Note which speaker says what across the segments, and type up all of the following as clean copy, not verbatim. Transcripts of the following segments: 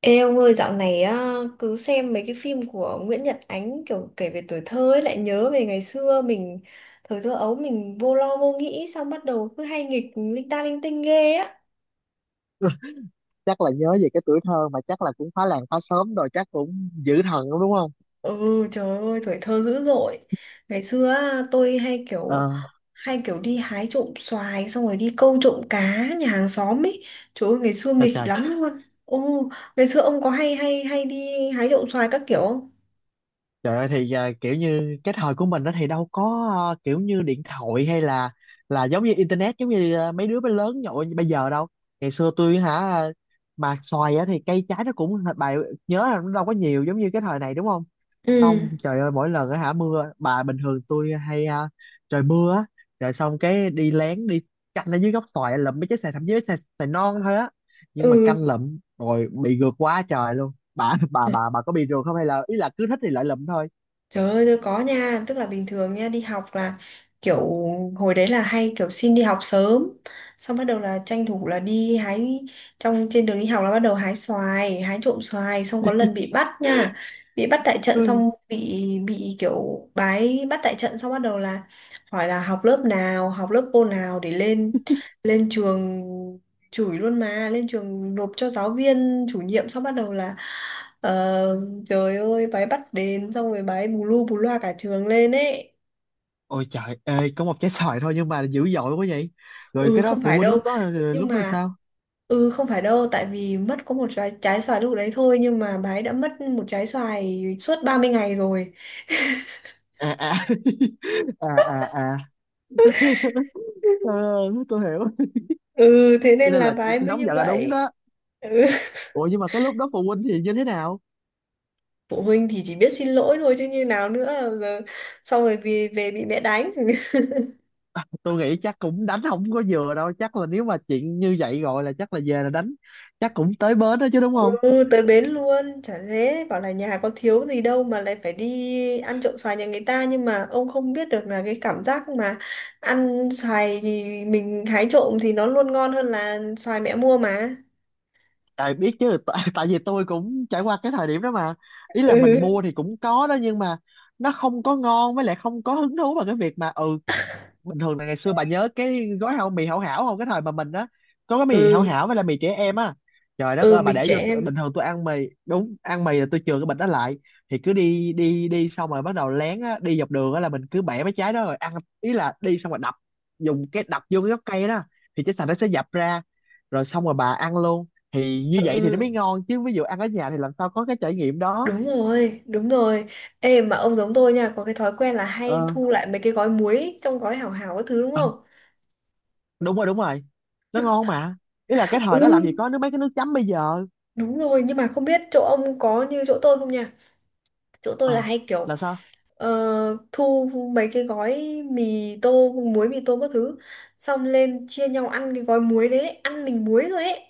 Speaker 1: Ê ông ơi, dạo này á, cứ xem mấy cái phim của Nguyễn Nhật Ánh kiểu kể về tuổi thơ ấy lại nhớ về ngày xưa mình, thời thơ ấu mình vô lo vô nghĩ, xong bắt đầu cứ hay nghịch linh ta linh tinh ghê á.
Speaker 2: Chắc là nhớ về cái tuổi thơ mà chắc là cũng phá làng phá xóm rồi, chắc cũng dữ thần lắm đúng không?
Speaker 1: Ừ trời ơi tuổi thơ dữ dội. Ngày xưa á, tôi hay
Speaker 2: Ờ.
Speaker 1: kiểu hay kiểu đi hái trộm xoài xong rồi đi câu trộm cá nhà hàng xóm ấy. Trời ơi ngày xưa
Speaker 2: À,
Speaker 1: nghịch
Speaker 2: trời.
Speaker 1: lắm luôn. Ồ, ngày xưa ông có hay hay hay đi hái trộm xoài các kiểu không?
Speaker 2: Trời ơi thì kiểu như cái thời của mình đó thì đâu có kiểu như điện thoại hay là giống như internet giống như mấy đứa mới lớn nhậu như bây giờ đâu. Ngày xưa tôi hả, mà xoài á thì cây trái nó cũng bà nhớ là nó đâu có nhiều giống như cái thời này đúng không?
Speaker 1: Ừ.
Speaker 2: Không, trời ơi mỗi lần á hả mưa bà bình thường tôi hay trời mưa á rồi xong cái đi lén đi canh ở dưới gốc xoài lụm mấy trái xoài, thậm chí mấy trái xoài non thôi á, nhưng mà
Speaker 1: Ừ.
Speaker 2: canh lụm rồi bị gượt quá trời luôn. Bà có bị rượt không hay là ý là cứ thích thì lại lụm thôi?
Speaker 1: Trời ơi tôi có nha, tức là bình thường nha đi học là kiểu hồi đấy là hay kiểu xin đi học sớm, xong bắt đầu là tranh thủ là đi hái, trong trên đường đi học là bắt đầu hái xoài, hái trộm xoài xong có lần bị bắt nha. Bị bắt tại trận
Speaker 2: Ừ.
Speaker 1: xong bị kiểu bắt tại trận xong bắt đầu là hỏi là học lớp nào, học lớp cô nào để lên lên trường, chửi luôn mà, lên trường nộp cho giáo viên chủ nhiệm xong bắt đầu là, ờ, Trời ơi, bà ấy bắt đến xong rồi bà ấy bù lu bù loa cả trường lên ấy.
Speaker 2: Ôi trời ơi có một trái xoài thôi nhưng mà dữ dội quá vậy. Rồi
Speaker 1: Ừ,
Speaker 2: cái đó
Speaker 1: không
Speaker 2: phụ
Speaker 1: phải
Speaker 2: huynh
Speaker 1: đâu.
Speaker 2: lúc đó
Speaker 1: Nhưng
Speaker 2: lúc đó
Speaker 1: mà,
Speaker 2: sao?
Speaker 1: ừ, không phải đâu. Tại vì mất có một trái xoài lúc đấy thôi. Nhưng mà bà ấy đã mất một trái xoài suốt 30 ngày rồi.
Speaker 2: À à. À à à. Ờ, tôi hiểu.
Speaker 1: Ừ, thế
Speaker 2: Cho
Speaker 1: nên
Speaker 2: nên
Speaker 1: là
Speaker 2: là
Speaker 1: bà
Speaker 2: chị
Speaker 1: ấy mới
Speaker 2: nóng
Speaker 1: như
Speaker 2: giận là đúng
Speaker 1: vậy.
Speaker 2: đó.
Speaker 1: Ừ.
Speaker 2: Ủa nhưng mà cái lúc đó phụ huynh thì như thế nào?
Speaker 1: Phụ huynh thì chỉ biết xin lỗi thôi chứ như nào nữa. Giờ, xong rồi vì về bị mẹ đánh. Ừ.
Speaker 2: Tôi nghĩ chắc cũng đánh không có vừa đâu, chắc là nếu mà chuyện như vậy gọi là chắc là về là đánh, chắc cũng tới bến đó chứ đúng không?
Speaker 1: Ừ, tới bến luôn, chả thế, bảo là nhà có thiếu gì đâu mà lại phải đi ăn trộm xoài nhà người ta, nhưng mà ông không biết được là cái cảm giác mà ăn xoài thì mình hái trộm thì nó luôn ngon hơn là xoài mẹ mua mà.
Speaker 2: Tại biết chứ tại, tại vì tôi cũng trải qua cái thời điểm đó mà, ý là mình
Speaker 1: Ừ,
Speaker 2: mua thì cũng có đó nhưng mà nó không có ngon, với lại không có hứng thú vào cái việc mà ừ. Bình thường là ngày xưa bà nhớ cái gói hảo mì hảo hảo không, cái thời mà mình á có cái mì hảo
Speaker 1: ừ,
Speaker 2: hảo với là mì trẻ em á, trời đất
Speaker 1: ừ,
Speaker 2: ơi bà
Speaker 1: mịt
Speaker 2: để
Speaker 1: trẻ
Speaker 2: vô bình
Speaker 1: em.
Speaker 2: thường tôi ăn mì đúng ăn mì là tôi chừa cái bịch đó lại. Thì cứ đi đi đi xong rồi bắt đầu lén á, đi dọc đường á là mình cứ bẻ mấy trái đó rồi ăn, ý là đi xong rồi đập, dùng cái đập vô cái gốc cây đó thì trái sành nó sẽ dập ra rồi xong rồi bà ăn luôn. Thì như
Speaker 1: Ừ,
Speaker 2: vậy thì nó
Speaker 1: ừ,
Speaker 2: mới ngon chứ ví dụ ăn ở nhà thì làm sao có cái trải nghiệm đó.
Speaker 1: đúng rồi, đúng rồi. Ê, mà ông giống tôi nha, có cái thói quen là hay
Speaker 2: Ờ.
Speaker 1: thu lại mấy cái gói muối ấy, trong gói hảo hảo các thứ đúng
Speaker 2: Ờ,
Speaker 1: không?
Speaker 2: đúng rồi đúng rồi. Nó ngon mà, ý là cái thời đó
Speaker 1: Ừ,
Speaker 2: làm gì có nước mấy cái nước chấm bây giờ.
Speaker 1: đúng rồi, nhưng mà không biết chỗ ông có như chỗ tôi không nha? Chỗ tôi là
Speaker 2: Ờ.
Speaker 1: hay kiểu,
Speaker 2: Là sao?
Speaker 1: thu mấy cái gói mì tô muối, mì tô các thứ, xong lên chia nhau ăn cái gói muối đấy, ăn mình muối rồi ấy.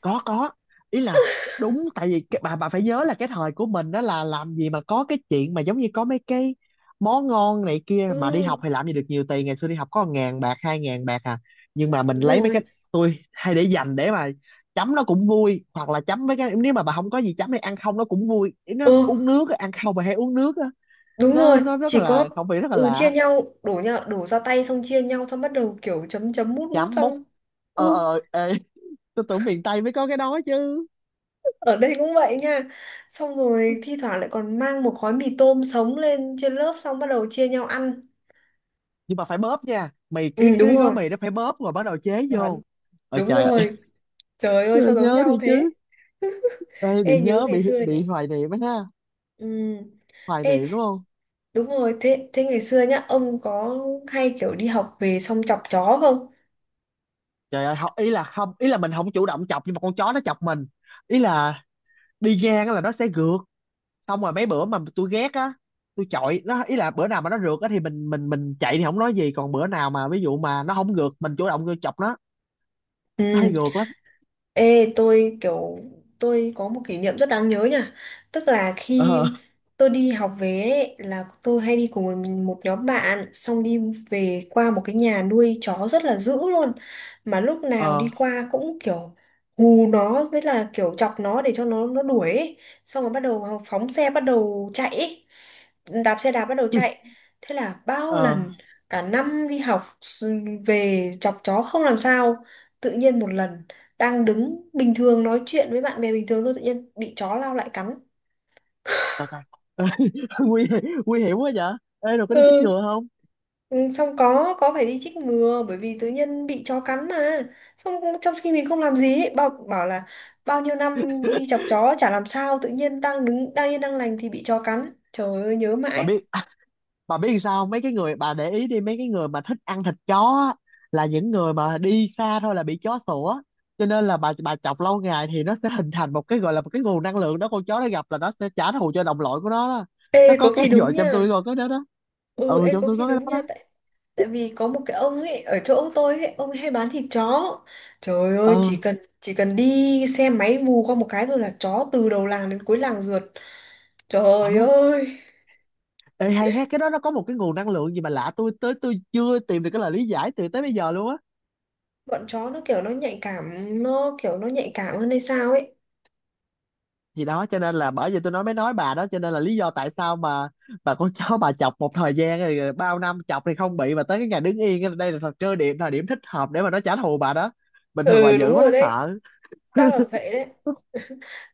Speaker 2: Có, ý là đúng tại vì bà phải nhớ là cái thời của mình đó là làm gì mà có cái chuyện mà giống như có mấy cái món ngon này kia,
Speaker 1: Ừ,
Speaker 2: mà đi học thì làm gì được nhiều tiền, ngày xưa đi học có ngàn bạc hai ngàn bạc à. Nhưng mà mình
Speaker 1: đúng
Speaker 2: lấy mấy
Speaker 1: rồi.
Speaker 2: cái, tôi hay để dành để mà chấm nó cũng vui, hoặc là chấm mấy cái nếu mà bà không có gì chấm thì ăn không nó cũng vui. Ý
Speaker 1: Ừ,
Speaker 2: nó uống nước á, ăn không bà hay uống nước á.
Speaker 1: đúng
Speaker 2: nó
Speaker 1: rồi,
Speaker 2: nó rất
Speaker 1: chỉ có
Speaker 2: là không phải rất là
Speaker 1: ừ chia
Speaker 2: lạ.
Speaker 1: nhau, đổ nhau đổ ra tay, xong chia nhau xong bắt đầu kiểu chấm chấm mút mút
Speaker 2: Chấm múc.
Speaker 1: xong. Ừ,
Speaker 2: Ờ ờ ê. Tôi tưởng miền Tây mới có cái đó chứ.
Speaker 1: ở đây cũng vậy nha, xong rồi thi thoảng lại còn mang một gói mì tôm sống lên trên lớp xong bắt đầu chia nhau ăn.
Speaker 2: Nhưng mà phải bóp nha mày, cái
Speaker 1: Ừ, đúng
Speaker 2: cái gói
Speaker 1: rồi,
Speaker 2: mì nó phải bóp rồi bắt đầu chế
Speaker 1: chuẩn,
Speaker 2: vô. Ôi
Speaker 1: đúng
Speaker 2: trời ơi.
Speaker 1: rồi, trời ơi
Speaker 2: Trời
Speaker 1: sao
Speaker 2: ơi,
Speaker 1: giống
Speaker 2: nhớ
Speaker 1: nhau
Speaker 2: đi
Speaker 1: thế.
Speaker 2: chứ. Ê, bị
Speaker 1: Ê, nhớ
Speaker 2: nhớ
Speaker 1: ngày
Speaker 2: bị
Speaker 1: xưa
Speaker 2: bị
Speaker 1: nhỉ.
Speaker 2: hoài niệm á ha.
Speaker 1: Ừ.
Speaker 2: Hoài
Speaker 1: Ê,
Speaker 2: niệm đúng không?
Speaker 1: đúng rồi, thế thế ngày xưa nhá ông có hay kiểu đi học về xong chọc chó không?
Speaker 2: Trời ơi không, ý là không, ý là mình không chủ động chọc nhưng mà con chó nó chọc mình, ý là đi ngang á là nó sẽ rượt. Xong rồi mấy bữa mà tôi ghét á tôi chọi nó, ý là bữa nào mà nó rượt á thì mình chạy thì không nói gì, còn bữa nào mà ví dụ mà nó không rượt mình chủ động vô chọc nó. Nó
Speaker 1: Ừ.
Speaker 2: hay rượt lắm.
Speaker 1: Ê, tôi có một kỷ niệm rất đáng nhớ nha. Tức là khi
Speaker 2: Ờ.
Speaker 1: tôi đi học về ấy, là tôi hay đi cùng một một nhóm bạn xong đi về qua một cái nhà nuôi chó rất là dữ luôn. Mà lúc nào đi
Speaker 2: Ờ.
Speaker 1: qua cũng kiểu hù nó, với là kiểu chọc nó để cho nó đuổi ấy. Xong rồi bắt đầu phóng xe bắt đầu chạy ấy. Đạp xe đạp bắt đầu chạy. Thế là bao
Speaker 2: Ờ.
Speaker 1: lần cả năm đi học về chọc chó không làm sao. Tự nhiên một lần đang đứng bình thường nói chuyện với bạn bè bình thường thôi tự nhiên bị chó lao lại cắn.
Speaker 2: Trời trời. Nguy, nguy hiểm quá vậy. Ê rồi có đi chích
Speaker 1: Ừ.
Speaker 2: ngừa không?
Speaker 1: Ừ, xong có phải đi chích ngừa bởi vì tự nhiên bị chó cắn mà, xong trong khi mình không làm gì ấy, bảo bảo là bao nhiêu năm đi chọc chó chả làm sao, tự nhiên đang đứng đang yên đang lành thì bị chó cắn, trời ơi nhớ
Speaker 2: Bà
Speaker 1: mãi.
Speaker 2: biết, bà biết làm sao không? Mấy cái người bà để ý đi, mấy cái người mà thích ăn thịt chó á, là những người mà đi xa thôi là bị chó sủa. Cho nên là bà chọc lâu ngày thì nó sẽ hình thành một cái gọi là một cái nguồn năng lượng đó, con chó nó gặp là nó sẽ trả thù cho đồng loại của nó đó. Nó
Speaker 1: Ê có
Speaker 2: có
Speaker 1: khi
Speaker 2: cái
Speaker 1: đúng
Speaker 2: gọi
Speaker 1: nha.
Speaker 2: trong tôi rồi có đó đó.
Speaker 1: Ừ,
Speaker 2: Ừ
Speaker 1: ê
Speaker 2: trong
Speaker 1: có
Speaker 2: tôi
Speaker 1: khi
Speaker 2: có cái
Speaker 1: đúng
Speaker 2: đó
Speaker 1: nha,
Speaker 2: đó.
Speaker 1: tại tại vì có một cái ông ấy ở chỗ tôi ấy, ông ấy hay bán thịt chó. Trời ơi,
Speaker 2: Ờ
Speaker 1: chỉ cần đi xe máy vù qua một cái thôi là chó từ đầu làng đến cuối làng rượt.
Speaker 2: ờ.
Speaker 1: Trời ơi,
Speaker 2: Ê, hay hết cái đó nó có một cái nguồn năng lượng gì mà lạ, tôi tới tôi chưa tìm được cái lời lý giải từ tới bây giờ luôn á.
Speaker 1: bọn chó nó kiểu nó nhạy cảm, nó kiểu nó nhạy cảm hơn hay sao ấy.
Speaker 2: Thì đó cho nên là bởi vì tôi nói mới nói bà đó, cho nên là lý do tại sao mà bà con chó bà chọc một thời gian rồi, rồi bao năm chọc thì không bị, mà tới cái ngày đứng yên á, đây là thời cơ điểm thời điểm thích hợp để mà nó trả thù bà đó. Bình thường bà
Speaker 1: Ừ,
Speaker 2: dữ
Speaker 1: đúng
Speaker 2: quá
Speaker 1: rồi
Speaker 2: nó
Speaker 1: đấy,
Speaker 2: sợ.
Speaker 1: chắc là vậy đấy.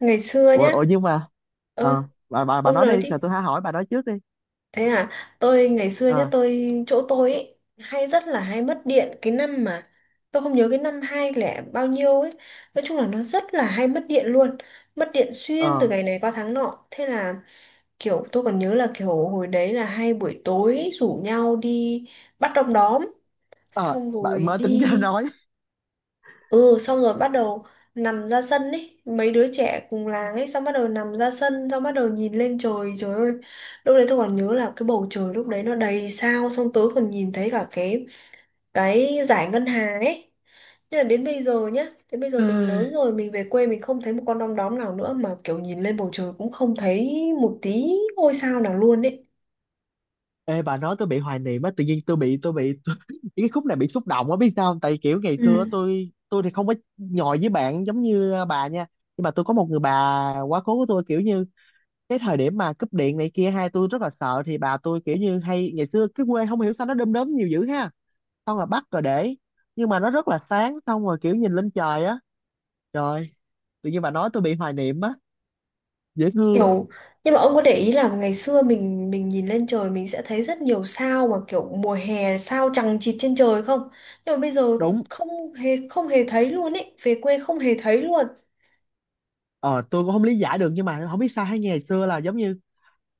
Speaker 1: Ngày xưa
Speaker 2: ủa,
Speaker 1: nhá,
Speaker 2: ủa nhưng mà
Speaker 1: ơ,
Speaker 2: ờ, bà
Speaker 1: ông
Speaker 2: nói
Speaker 1: nói
Speaker 2: đi rồi
Speaker 1: đi.
Speaker 2: tôi hãy hỏi, bà nói trước đi.
Speaker 1: Thế à, tôi ngày xưa nhá,
Speaker 2: Ờ.
Speaker 1: tôi chỗ tôi ấy hay rất là hay mất điện, cái năm mà tôi không nhớ cái năm hai lẻ bao nhiêu ấy. Nói chung là nó rất là hay mất điện luôn. Mất điện xuyên
Speaker 2: Ờ.
Speaker 1: từ ngày này qua tháng nọ. Thế là kiểu tôi còn nhớ là kiểu hồi đấy là hay buổi tối rủ nhau đi bắt đom đóm
Speaker 2: Ờ
Speaker 1: xong
Speaker 2: bà
Speaker 1: rồi
Speaker 2: mới tính ra
Speaker 1: đi.
Speaker 2: nói.
Speaker 1: Ừ, xong rồi bắt đầu nằm ra sân ấy, mấy đứa trẻ cùng làng ấy, xong bắt đầu nằm ra sân xong bắt đầu nhìn lên trời. Trời ơi, lúc đấy tôi còn nhớ là cái bầu trời lúc đấy nó đầy sao, xong tớ còn nhìn thấy cả cái dải ngân hà ấy. Nhưng mà đến bây giờ nhá, đến bây giờ mình lớn rồi, mình về quê mình không thấy một con đom đóm nào nữa, mà kiểu nhìn lên bầu trời cũng không thấy một tí ngôi sao nào luôn ấy.
Speaker 2: Ê bà nói tôi bị hoài niệm á, tự nhiên tôi bị tôi bị, tôi, cái khúc này bị xúc động á biết sao không? Tại kiểu ngày xưa á,
Speaker 1: Ừ.
Speaker 2: tôi thì không có nhồi với bạn giống như bà nha, nhưng mà tôi có một người bà quá cố của tôi kiểu như cái thời điểm mà cúp điện này kia hai tôi rất là sợ, thì bà tôi kiểu như hay ngày xưa cái quê không hiểu sao nó đom đóm nhiều dữ ha, xong rồi bắt rồi để, nhưng mà nó rất là sáng xong rồi kiểu nhìn lên trời á, trời, tự nhiên bà nói tôi bị hoài niệm á, dễ thương.
Speaker 1: Kiểu, nhưng mà ông có để ý là ngày xưa mình nhìn lên trời mình sẽ thấy rất nhiều sao mà kiểu mùa hè sao chằng chịt trên trời không? Nhưng mà bây giờ
Speaker 2: Đúng.
Speaker 1: không hề thấy luôn ấy, về quê không hề thấy luôn.
Speaker 2: Ờ tôi cũng không lý giải được nhưng mà không biết sao, hay ngày xưa là giống như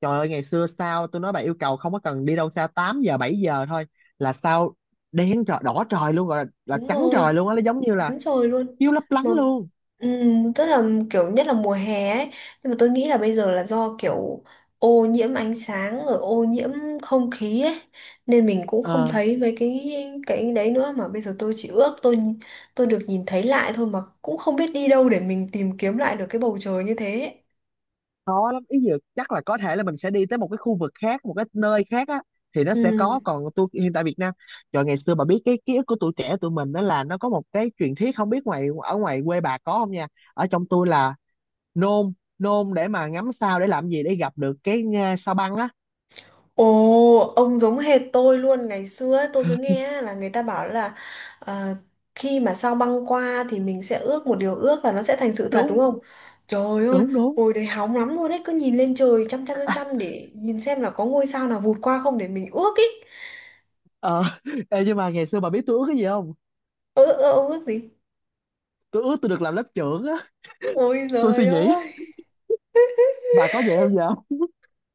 Speaker 2: trời ơi ngày xưa sao, tôi nói bà yêu cầu không có cần đi đâu xa, 8 giờ 7 giờ thôi là sao đen trời đỏ trời luôn, rồi là
Speaker 1: Đúng
Speaker 2: trắng trời
Speaker 1: rồi,
Speaker 2: luôn á, nó giống như là
Speaker 1: trắng trời luôn.
Speaker 2: chiếu lấp lánh
Speaker 1: Mà
Speaker 2: luôn.
Speaker 1: Tức là kiểu nhất là mùa hè ấy, nhưng mà tôi nghĩ là bây giờ là do kiểu ô nhiễm ánh sáng rồi ô nhiễm không khí ấy, nên mình cũng không
Speaker 2: Ờ.
Speaker 1: thấy mấy cái đấy nữa, mà bây giờ tôi chỉ ước tôi được nhìn thấy lại thôi, mà cũng không biết đi đâu để mình tìm kiếm lại được cái bầu trời như thế.
Speaker 2: Khó lắm ý dự, chắc là có thể là mình sẽ đi tới một cái khu vực khác một cái nơi khác á thì nó sẽ có, còn tôi hiện tại Việt Nam, trời ngày xưa bà biết cái ký ức của tuổi trẻ tụi mình đó là nó có một cái truyền thuyết không biết ngoài ở ngoài quê bà có không nha, ở trong tôi là nôn, nôn để mà ngắm sao để làm gì, để gặp được cái sao băng á.
Speaker 1: Ồ, ông giống hệt tôi luôn ngày xưa ấy, tôi cứ nghe á, là người ta bảo là, ờ, khi mà sao băng qua thì mình sẽ ước một điều ước là nó sẽ thành sự thật đúng
Speaker 2: Đúng
Speaker 1: không? Trời ơi,
Speaker 2: đúng đúng.
Speaker 1: hồi đấy hóng lắm luôn đấy, cứ nhìn lên trời chăm chăm chăm chăm để nhìn xem là có ngôi sao nào vụt qua không để mình ước ý.
Speaker 2: Ờ, ê, nhưng mà ngày xưa bà biết tôi ước cái gì không?
Speaker 1: Ơ ơ, ông ước gì?
Speaker 2: Tôi ước tôi được làm lớp trưởng á.
Speaker 1: Ôi
Speaker 2: Tôi
Speaker 1: giời
Speaker 2: suy nghĩ,
Speaker 1: ơi.
Speaker 2: bà có vậy không giờ?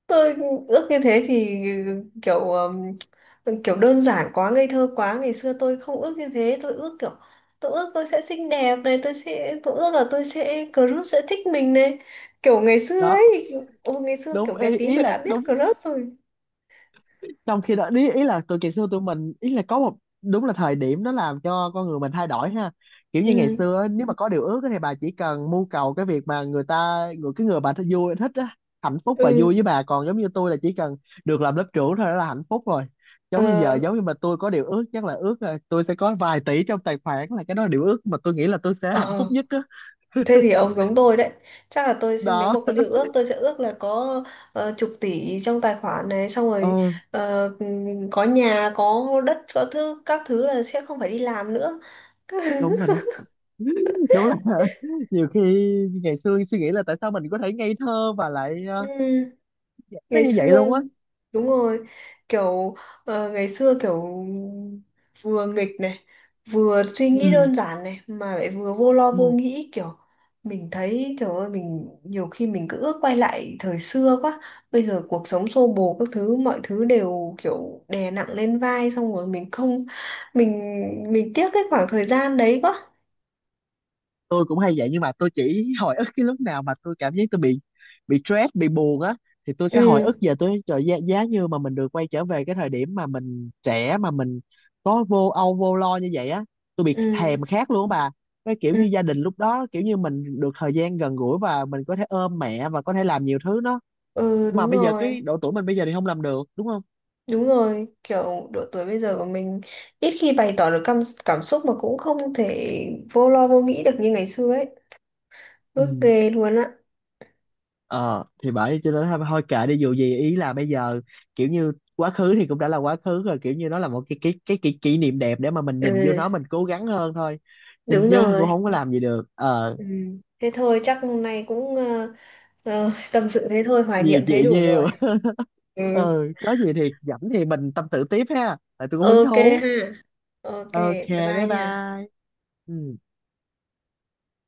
Speaker 1: Tôi ước như thế thì kiểu kiểu đơn giản quá ngây thơ quá, ngày xưa tôi không ước như thế, tôi ước kiểu tôi ước tôi sẽ xinh đẹp này, tôi sẽ tôi ước là tôi sẽ crush sẽ thích mình này, kiểu ngày xưa
Speaker 2: Đó,
Speaker 1: ấy. Ôi ngày xưa kiểu
Speaker 2: đúng
Speaker 1: bé
Speaker 2: ý,
Speaker 1: tí
Speaker 2: ý
Speaker 1: mà đã
Speaker 2: là
Speaker 1: biết
Speaker 2: đúng,
Speaker 1: crush rồi.
Speaker 2: trong khi đó ý, ý là tụi ngày xưa tụi mình ý là có một, đúng là thời điểm nó làm cho con người mình thay đổi ha, kiểu như ngày
Speaker 1: Ừ.
Speaker 2: xưa á, nếu mà có điều ước á thì bà chỉ cần mưu cầu cái việc mà người ta người cái người bà thích vui thích á, hạnh phúc và vui
Speaker 1: Ừ.
Speaker 2: với bà, còn giống như tôi là chỉ cần được làm lớp trưởng thôi đó là hạnh phúc rồi.
Speaker 1: Ờ.
Speaker 2: Giống như giờ giống như mà tôi có điều ước chắc là ước là tôi sẽ có vài tỷ trong tài khoản, là cái đó là điều ước mà tôi nghĩ là tôi sẽ hạnh
Speaker 1: Ờ.
Speaker 2: phúc nhất á.
Speaker 1: Thế thì ông giống tôi đấy. Chắc là tôi sẽ-
Speaker 2: Đó.
Speaker 1: nếu mà có điều ước tôi sẽ ước là có, chục tỷ trong tài khoản này, xong rồi,
Speaker 2: Ờ
Speaker 1: có nhà, có đất, có thứ các thứ là sẽ không phải đi làm nữa.
Speaker 2: đúng rồi đó, đúng là. Nhiều khi ngày xưa suy nghĩ là tại sao mình có thể ngây thơ, và lại
Speaker 1: Ừ.
Speaker 2: nó
Speaker 1: Ngày
Speaker 2: như vậy
Speaker 1: xưa,
Speaker 2: luôn á.
Speaker 1: đúng rồi, kiểu ngày xưa kiểu vừa nghịch này vừa suy nghĩ
Speaker 2: Ừ,
Speaker 1: đơn giản này mà lại vừa vô lo vô
Speaker 2: ừ.
Speaker 1: nghĩ, kiểu mình thấy trời ơi mình nhiều khi mình cứ ước quay lại thời xưa quá, bây giờ cuộc sống xô bồ các thứ, mọi thứ đều kiểu đè nặng lên vai, xong rồi mình không mình mình tiếc cái khoảng thời gian đấy quá.
Speaker 2: Tôi cũng hay vậy nhưng mà tôi chỉ hồi ức cái lúc nào mà tôi cảm giác tôi bị, stress bị buồn á, thì tôi sẽ hồi
Speaker 1: Ừ.
Speaker 2: ức về tôi trời giá, giá như mà mình được quay trở về cái thời điểm mà mình trẻ mà mình có vô âu vô lo như vậy á, tôi bị
Speaker 1: Ừ.
Speaker 2: thèm khát luôn á bà, cái kiểu
Speaker 1: Ừ.
Speaker 2: như gia đình lúc đó kiểu như mình được thời gian gần gũi và mình có thể ôm mẹ và có thể làm nhiều thứ đó,
Speaker 1: Ừ,
Speaker 2: mà
Speaker 1: đúng
Speaker 2: bây giờ
Speaker 1: rồi.
Speaker 2: cái độ tuổi mình bây giờ thì không làm được đúng không?
Speaker 1: Đúng rồi, kiểu độ tuổi bây giờ của mình ít khi bày tỏ được cảm, cảm xúc mà cũng không thể vô lo vô nghĩ được như ngày xưa ấy. Ước
Speaker 2: Ừ.
Speaker 1: ghê luôn á.
Speaker 2: Ờ thì bởi cho nên thôi thôi kệ đi, dù gì ý là bây giờ kiểu như quá khứ thì cũng đã là quá khứ rồi, kiểu như nó là một cái kỷ niệm đẹp để mà mình nhìn vô
Speaker 1: Ừ,
Speaker 2: nó mình cố gắng hơn thôi. Nhìn
Speaker 1: đúng
Speaker 2: chứ cũng
Speaker 1: rồi.
Speaker 2: không có làm gì được ờ.
Speaker 1: Ừ. Thế thôi, chắc hôm nay cũng, tâm sự thế thôi, hoài
Speaker 2: Nhiều
Speaker 1: niệm thế
Speaker 2: chuyện
Speaker 1: đủ
Speaker 2: nhiều.
Speaker 1: rồi. Ừ,
Speaker 2: Ờ có gì thì rảnh thì mình tâm sự tiếp ha, tại tôi cũng hứng
Speaker 1: ok
Speaker 2: thú.
Speaker 1: ha. Ok,
Speaker 2: Ok.
Speaker 1: bye bye
Speaker 2: Bye
Speaker 1: nha.
Speaker 2: bye. Ừ.